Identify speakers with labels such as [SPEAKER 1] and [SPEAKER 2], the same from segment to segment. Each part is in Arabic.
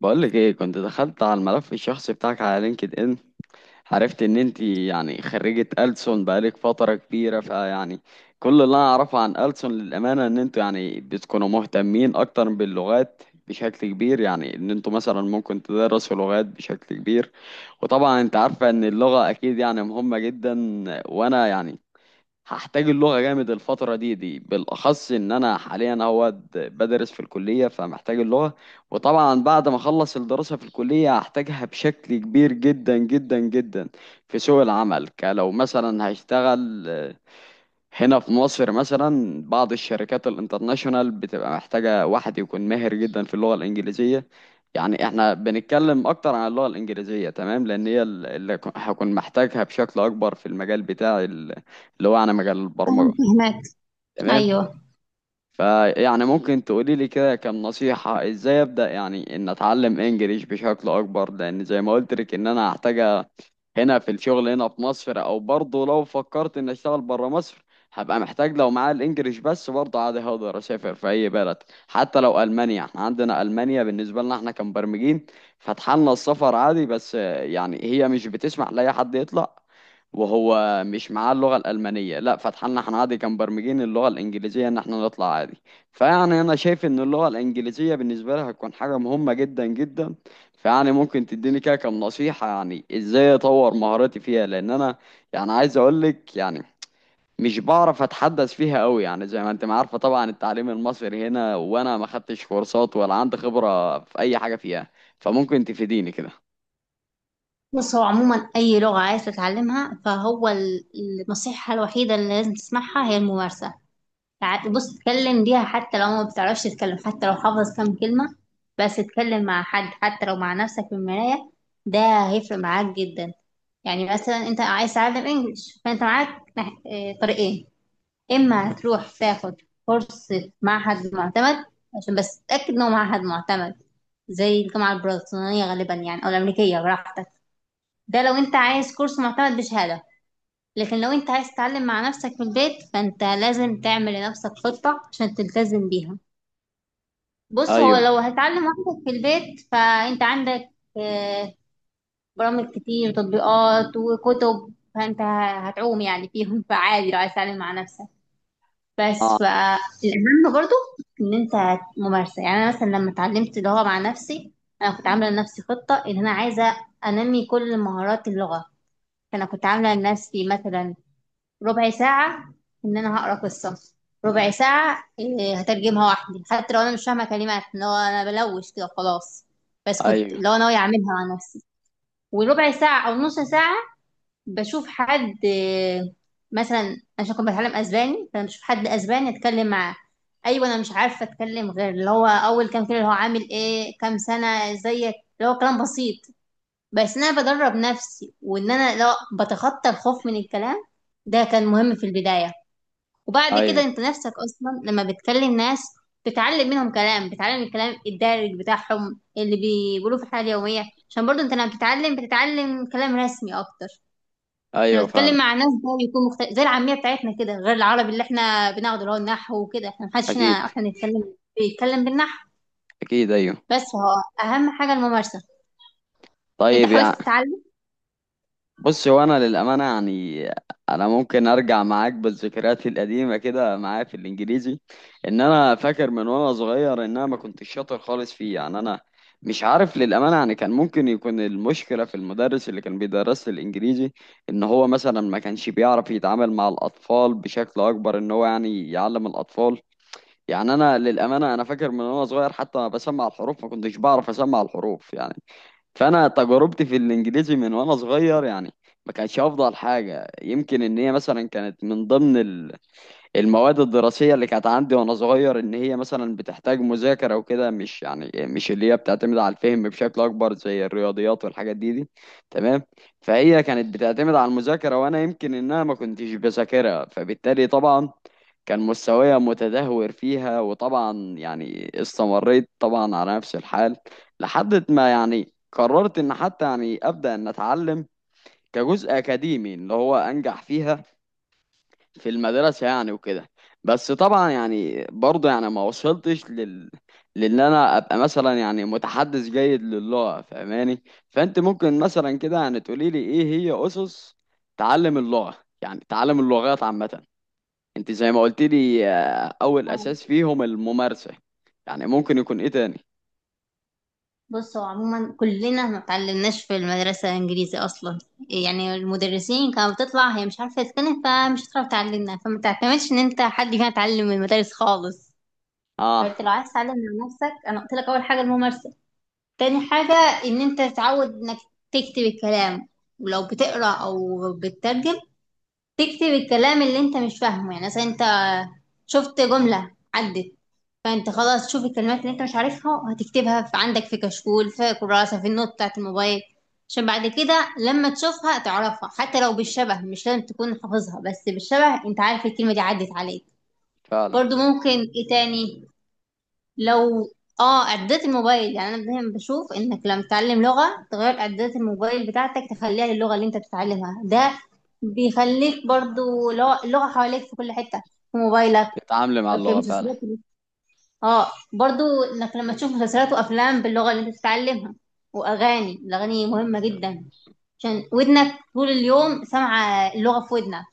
[SPEAKER 1] بقولك ايه؟ كنت دخلت على الملف الشخصي بتاعك على لينكد ان، عرفت ان انت يعني خريجة ألسن بقالك فترة كبيرة. فيعني كل اللي انا اعرفه عن ألسن للأمانة ان انتوا يعني بتكونوا مهتمين اكتر باللغات بشكل كبير، يعني ان انتوا مثلا ممكن تدرسوا لغات بشكل كبير. وطبعا انت عارفة ان اللغة اكيد يعني مهمة جدا، وانا يعني هحتاج اللغة جامد الفترة دي بالأخص إن أنا حاليا أهوت بدرس في الكلية، فمحتاج اللغة. وطبعا بعد ما أخلص الدراسة في الكلية هحتاجها بشكل كبير جدا جدا جدا في سوق العمل كلو. مثلا هشتغل هنا في مصر، مثلا بعض الشركات الانترناشونال بتبقى محتاجة واحد يكون ماهر جدا في اللغة الإنجليزية. يعني احنا بنتكلم أكتر عن اللغة الإنجليزية، تمام، لأن هي اللي هكون محتاجها بشكل أكبر في المجال بتاعي اللي هو أنا مجال
[SPEAKER 2] أنا
[SPEAKER 1] البرمجة.
[SPEAKER 2] فهمك.
[SPEAKER 1] تمام.
[SPEAKER 2] ايوه،
[SPEAKER 1] فيعني ممكن تقولي لي كده كم نصيحة ازاي ابدأ يعني ان اتعلم انجليش بشكل اكبر، لان زي ما قلت لك ان انا هحتاجها هنا في الشغل هنا في مصر، او برضه لو فكرت ان اشتغل بره مصر هبقى محتاج. لو معايا الانجليش بس برضه عادي، هقدر اسافر في اي بلد حتى لو المانيا. احنا عندنا المانيا بالنسبة لنا احنا كمبرمجين فاتحلنا السفر عادي، بس يعني هي مش بتسمح لاي حد يطلع وهو مش معاه اللغة الألمانية، لا، فتحنا هنعدي كان برمجين اللغة الإنجليزية إن احنا نطلع عادي. فيعني أنا شايف إن اللغة الإنجليزية بالنسبة لي هتكون حاجة مهمة جدا جدا. فيعني ممكن تديني كده كام نصيحة يعني إزاي أطور مهاراتي فيها، لأن أنا يعني عايز أقولك يعني مش بعرف أتحدث فيها أوي، يعني زي ما أنت ما عارفة طبعا التعليم المصري هنا، وأنا ما خدتش كورسات ولا عندي خبرة في أي حاجة فيها، فممكن تفيديني كده.
[SPEAKER 2] بص، هو عموما اي لغه عايز تتعلمها النصيحه الوحيده اللي لازم تسمعها هي الممارسه. بص، اتكلم بيها حتى لو ما بتعرفش تتكلم، حتى لو حافظ كام كلمه بس اتكلم مع حد، حتى لو مع نفسك في المرايه. ده هيفرق معاك جدا. يعني مثلا انت عايز تتعلم انجليش، فانت معاك طريقين. اما هتروح تاخد فرصة معهد معتمد، عشان بس تتأكد انه معهد معتمد، زي الجامعة البريطانية غالبا يعني او الامريكية، براحتك. ده لو انت عايز كورس معتمد بشهادة. لكن لو انت عايز تتعلم مع نفسك في البيت، فانت لازم تعمل لنفسك خطة عشان تلتزم بيها. بص، هو
[SPEAKER 1] أيوه.
[SPEAKER 2] لو هتتعلم وحدك في البيت فانت عندك آه، برامج كتير وتطبيقات وكتب، فانت هتعوم يعني فيهم، فعادي لو عايز تتعلم مع نفسك. بس
[SPEAKER 1] أه.
[SPEAKER 2] فالأهم برضو إن أنت ممارسة. يعني أنا مثلا لما اتعلمت اللغة مع نفسي أنا كنت عاملة لنفسي خطة إن أنا عايزة أنمي كل مهارات اللغة. فأنا كنت عاملة لنفسي مثلا ربع ساعة إن أنا هقرأ قصة، ربع ساعة هترجمها وحدي، حتى لو أنا مش فاهمة كلمات لو أنا بلوش كده خلاص، بس كنت
[SPEAKER 1] أيوه.
[SPEAKER 2] لو أنا ناوية أعملها مع نفسي. وربع ساعة أو نص ساعة بشوف حد مثلا عشان كنت بتعلم اسباني، فانا بشوف حد اسباني اتكلم معاه. ايوه، انا مش عارفه اتكلم غير اللي هو اول كام كلمه، اللي هو عامل ايه، كام سنه زيك، اللي هو كلام بسيط. بس ان انا بدرب نفسي، وان انا لو بتخطى الخوف من الكلام، ده كان مهم في البدايه. وبعد كده
[SPEAKER 1] أيوه.
[SPEAKER 2] انت نفسك اصلا لما بتكلم ناس بتتعلم منهم كلام، بتتعلم الكلام الدارج بتاعهم اللي بيقولوه في الحياه اليوميه. عشان برضو انت لما بتتعلم كلام رسمي اكتر. انا
[SPEAKER 1] أيوه،
[SPEAKER 2] بتكلم
[SPEAKER 1] فاهمك.
[SPEAKER 2] مع ناس بقى بيكون مختلف، زي العاميه بتاعتنا كده غير العربي اللي احنا بناخده اللي هو النحو وكده. احنا محدش هنا
[SPEAKER 1] أكيد.
[SPEAKER 2] احنا بنتكلم بيتكلم بالنحو.
[SPEAKER 1] اكيد، ايوه.
[SPEAKER 2] بس هو اهم حاجه الممارسه. انت
[SPEAKER 1] طيب
[SPEAKER 2] حاولت
[SPEAKER 1] يعني،
[SPEAKER 2] تتعلم؟
[SPEAKER 1] بص هو انا للامانه يعني انا ممكن ارجع معاك بالذكريات القديمه كده معايا في الانجليزي، ان انا فاكر من وانا صغير ان انا ما كنتش شاطر خالص فيه. يعني انا مش عارف للامانه، يعني كان ممكن يكون المشكله في المدرس اللي كان بيدرس لي الانجليزي، ان هو مثلا ما كانش بيعرف يتعامل مع الاطفال بشكل اكبر، ان هو يعني يعلم الاطفال. يعني انا للامانه انا فاكر من وانا صغير حتى انا بسمع الحروف ما كنتش بعرف اسمع الحروف، يعني فانا تجربتي في الانجليزي من وانا صغير يعني ما كانتش افضل حاجه. يمكن ان هي مثلا كانت من ضمن المواد الدراسية اللي كانت عندي وأنا صغير، إن هي مثلا بتحتاج مذاكرة وكده، مش يعني مش اللي هي بتعتمد على الفهم بشكل أكبر زي الرياضيات والحاجات دي. تمام. فهي كانت بتعتمد على المذاكرة وأنا يمكن إن أنا ما كنتش بذاكرها، فبالتالي طبعا كان مستواي متدهور فيها، وطبعا يعني استمريت طبعا على نفس الحال لحد ما يعني قررت إن حتى يعني أبدأ إن أتعلم كجزء أكاديمي اللي هو أنجح فيها في المدرسة يعني وكده. بس طبعا يعني برضه يعني ما وصلتش لل، لان انا ابقى مثلا يعني متحدث جيد للغة، فاهماني؟ فانت ممكن مثلا كده يعني تقولي لي ايه هي اسس تعلم اللغة، يعني تعلم اللغات عامة. انت زي ما قلت لي اول اساس
[SPEAKER 2] آه.
[SPEAKER 1] فيهم الممارسة، يعني ممكن يكون ايه تاني؟
[SPEAKER 2] بص، هو عموما كلنا ما اتعلمناش في المدرسه انجليزي اصلا. يعني المدرسين كانت بتطلع هي مش عارفه تتكلم، فمش هتعرف تعلمنا، فما تعتمدش ان انت حد فينا اتعلم من المدارس خالص.
[SPEAKER 1] اه.
[SPEAKER 2] فانت لو عايز تتعلم مع نفسك، انا قلت لك اول حاجه الممارسه. تاني حاجة إن أنت تتعود إنك تكتب الكلام، ولو بتقرأ أو بتترجم تكتب الكلام اللي أنت مش فاهمه. يعني مثلا أنت شفت جملة عدت، فأنت خلاص تشوف الكلمات اللي أنت مش عارفها هتكتبها في عندك، في كشكول، في كراسة، في النوت بتاعة الموبايل، عشان بعد كده لما تشوفها تعرفها حتى لو بالشبه. مش لازم تكون حافظها، بس بالشبه أنت عارف الكلمة دي عدت عليك.
[SPEAKER 1] فعلا.
[SPEAKER 2] برضو ممكن إيه تاني؟ لو اه اعدادات الموبايل، يعني انا دايما بشوف انك لما تتعلم لغه تغير اعدادات الموبايل بتاعتك تخليها للغه اللي انت بتتعلمها. ده بيخليك برضو اللغه حواليك في كل حته، في موبايلك،
[SPEAKER 1] تتعاملي مع
[SPEAKER 2] في
[SPEAKER 1] اللغة
[SPEAKER 2] مسلسلات.
[SPEAKER 1] فعلا.
[SPEAKER 2] اه. برضو انك لما تشوف مسلسلات وافلام باللغه اللي انت بتتعلمها واغاني، الاغاني مهمه جدا عشان ودنك طول اليوم سامعه اللغه في ودنك.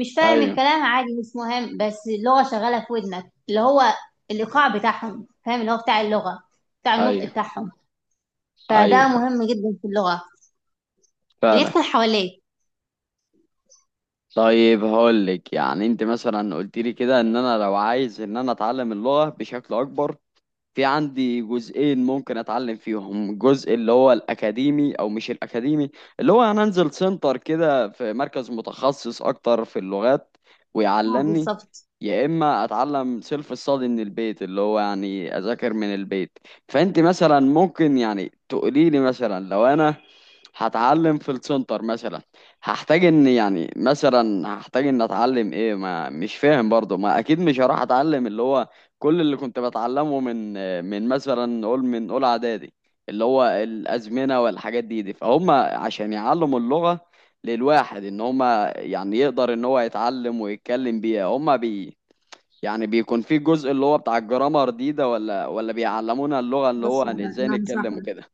[SPEAKER 2] مش فاهم
[SPEAKER 1] ايوه.
[SPEAKER 2] الكلام عادي، مش مهم، بس اللغة شغالة في ودنك اللي هو الإيقاع بتاعهم، فاهم، اللي هو بتاع اللغة بتاع النطق
[SPEAKER 1] ايوه.
[SPEAKER 2] بتاعهم. فده
[SPEAKER 1] ايوه.
[SPEAKER 2] مهم جدا في اللغة إن هي
[SPEAKER 1] فعلا.
[SPEAKER 2] تكون حواليك.
[SPEAKER 1] طيب هقول لك، يعني انت مثلا قلت لي كده ان انا لو عايز ان انا اتعلم اللغة بشكل اكبر في عندي جزئين ممكن اتعلم فيهم، الجزء اللي هو الاكاديمي او مش الاكاديمي اللي هو انا انزل سنتر كده في مركز متخصص اكتر في اللغات
[SPEAKER 2] اه،
[SPEAKER 1] ويعلمني،
[SPEAKER 2] بالظبط.
[SPEAKER 1] يا اما اتعلم سيلف ستادي من البيت اللي هو يعني اذاكر من البيت. فانت مثلا ممكن يعني تقولي لي مثلا لو انا هتعلم في السنتر مثلا هحتاج ان يعني مثلا هحتاج ان اتعلم ايه؟ ما مش فاهم برضه، ما اكيد مش هروح اتعلم اللي هو كل اللي كنت بتعلمه من مثلا نقول من اولى اعدادي اللي هو الازمنه والحاجات دي. فهم عشان يعلموا اللغه للواحد ان هم يعني يقدر ان هو يتعلم ويتكلم بيها، هم بي يعني بيكون في جزء اللي هو بتاع الجرامر ده ولا بيعلمونا اللغه اللي هو
[SPEAKER 2] بص، انا
[SPEAKER 1] ازاي
[SPEAKER 2] أنا هشرح
[SPEAKER 1] نتكلم
[SPEAKER 2] لك.
[SPEAKER 1] وكده؟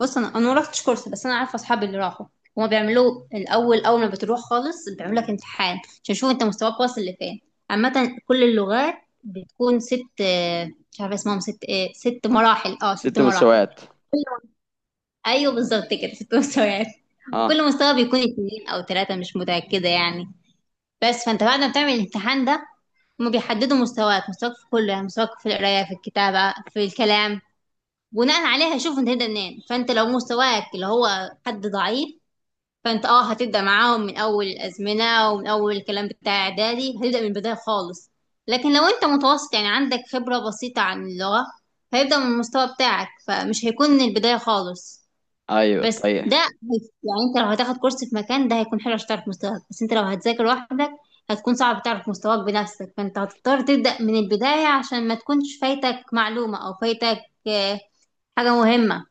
[SPEAKER 2] بص، انا ما رحتش كورس، بس انا عارفه اصحابي اللي راحوا. هما بيعملوا الاول، اول ما بتروح خالص بيعملوا لك امتحان عشان يشوفوا انت مستواك واصل لفين. عامه كل اللغات بتكون ست، مش عارفه اسمهم، ست ايه، ست مراحل، اه ست
[SPEAKER 1] ست
[SPEAKER 2] مراحل.
[SPEAKER 1] مساوات.
[SPEAKER 2] ايوه، بالظبط كده، ست مستويات.
[SPEAKER 1] اه.
[SPEAKER 2] وكل مستوى بيكون اتنين او تلاتة، مش متأكدة يعني. بس فانت بعد ما بتعمل الامتحان ده، هما بيحددوا مستواك، مستواك في كله، يعني مستواك في القراية، في الكتابة، في الكلام. بناء عليها يشوفوا انت هتبدأ منين. فانت لو مستواك اللي هو حد ضعيف، فانت هتبدأ معاهم من اول الازمنة ومن اول الكلام بتاع اعدادي، هتبدأ من البداية خالص. لكن لو انت متوسط يعني عندك خبرة بسيطة عن اللغة، هيبدأ من المستوى بتاعك، فمش هيكون من البداية خالص.
[SPEAKER 1] ايوه.
[SPEAKER 2] بس
[SPEAKER 1] طيب.
[SPEAKER 2] ده يعني انت لو هتاخد كورس في مكان ده هيكون حلو عشان تعرف مستواك. بس انت لو هتذاكر لوحدك هتكون صعب تعرف مستواك بنفسك، فانت هتضطر تبدأ من البداية عشان ما تكونش فايتك معلومة او فايتك آه، حاجة مهمة.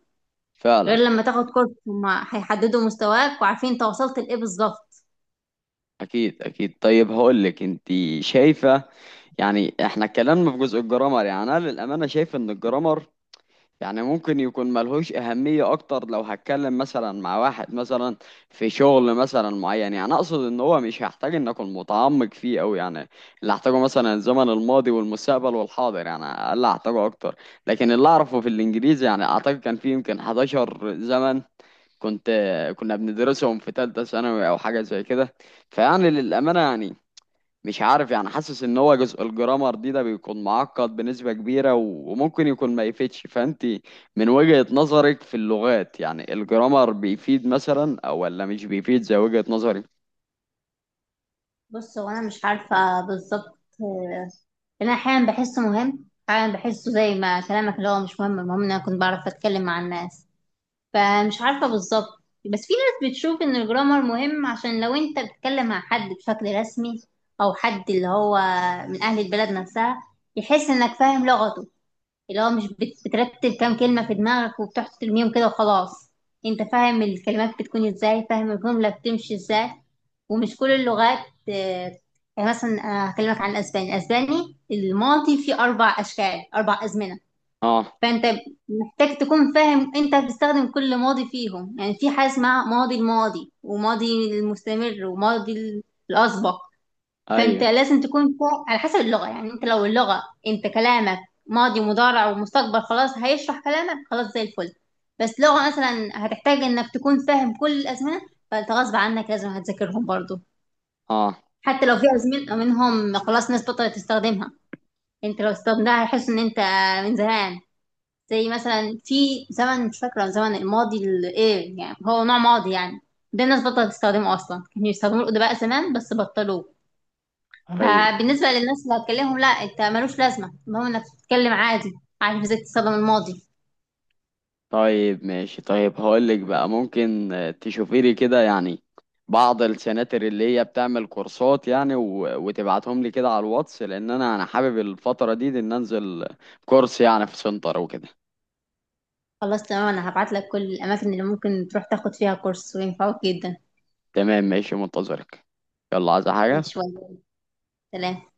[SPEAKER 1] فعلا.
[SPEAKER 2] غير لما تاخد كورس هما هيحددوا مستواك وعارفين انت وصلت لإيه بالظبط.
[SPEAKER 1] اكيد. اكيد، طيب هقول لك، انت شايفه يعني احنا اتكلمنا في جزء الجرامر، يعني انا للامانه شايف ان الجرامر يعني ممكن يكون ملهوش أهمية أكتر لو هتكلم مثلا مع واحد مثلا في شغل مثلا معين، يعني أقصد إن هو مش هحتاج إن أكون متعمق فيه أوي، يعني اللي هحتاجه مثلا الزمن الماضي والمستقبل والحاضر، يعني اللي هحتاجه أكتر. لكن اللي أعرفه في الإنجليزي يعني أعتقد كان فيه يمكن 11 زمن كنت كنا بندرسهم في تالتة ثانوي أو حاجة زي كده. فيعني للأمانة يعني مش عارف، يعني حاسس ان هو جزء الجرامر ده بيكون معقد بنسبة كبيرة وممكن يكون ما يفيدش. فانت من وجهة نظرك في اللغات يعني الجرامر بيفيد مثلا او ولا مش بيفيد زي وجهة نظري؟
[SPEAKER 2] بص، هو انا مش عارفة بالظبط انا احيانا بحسه مهم، احيانا بحسه زي ما كلامك اللي هو مش مهم، المهم إن انا كنت بعرف اتكلم مع الناس. فمش عارفة بالظبط، بس في ناس بتشوف ان الجرامر مهم، عشان لو انت بتتكلم مع حد بشكل رسمي او حد اللي هو من اهل البلد نفسها يحس انك فاهم لغته، اللي هو مش بترتب كام كلمة في دماغك وبتحط ترميهم كده وخلاص. انت فاهم الكلمات بتكون ازاي، فاهم الجملة بتمشي ازاي. ومش كل اللغات آه، يعني مثلا انا هكلمك عن الاسباني. الاسباني الماضي فيه اربع اشكال، اربع ازمنة.
[SPEAKER 1] اه.
[SPEAKER 2] فانت محتاج تكون فاهم انت بتستخدم كل ماضي فيهم، يعني في حاجه اسمها ماضي الماضي، وماضي المستمر، وماضي الاسبق. فانت
[SPEAKER 1] ايوه.
[SPEAKER 2] لازم تكون فوق على حسب اللغه، يعني انت لو اللغه انت كلامك ماضي ومضارع ومستقبل خلاص هيشرح كلامك، خلاص زي الفل. بس لغه مثلا هتحتاج انك تكون فاهم كل الازمنه، فانت غصب عنك لازم هتذاكرهم برضو.
[SPEAKER 1] اه.
[SPEAKER 2] حتى لو في ازمنه منهم خلاص ناس بطلت تستخدمها، انت لو استخدمتها هيحس ان انت من زمان. زي مثلا في زمن، مش فاكرة زمن الماضي ايه، يعني هو نوع ماضي يعني، ده الناس بطلت تستخدمه اصلا، كانوا يستخدموا الادباء زمان بس بطلوه.
[SPEAKER 1] ايوه.
[SPEAKER 2] فبالنسبة للناس اللي هتكلمهم لا، انت ملوش لازمة، المهم انك تتكلم عادي عارف ازاي تستخدم الماضي.
[SPEAKER 1] طيب ماشي. طيب هقول لك بقى، ممكن تشوفي لي كده يعني بعض السناتر اللي هي بتعمل كورسات يعني وتبعتهم لي كده على الواتس، لان انا حابب الفترة دي ان انزل كورس يعني في سنتر وكده.
[SPEAKER 2] خلاص، تمام. انا هبعت لك كل الاماكن اللي ممكن تروح تاخد فيها كورس وينفعوك جدا.
[SPEAKER 1] تمام ماشي، منتظرك. يلا، عايز حاجة؟
[SPEAKER 2] شوية. سلام.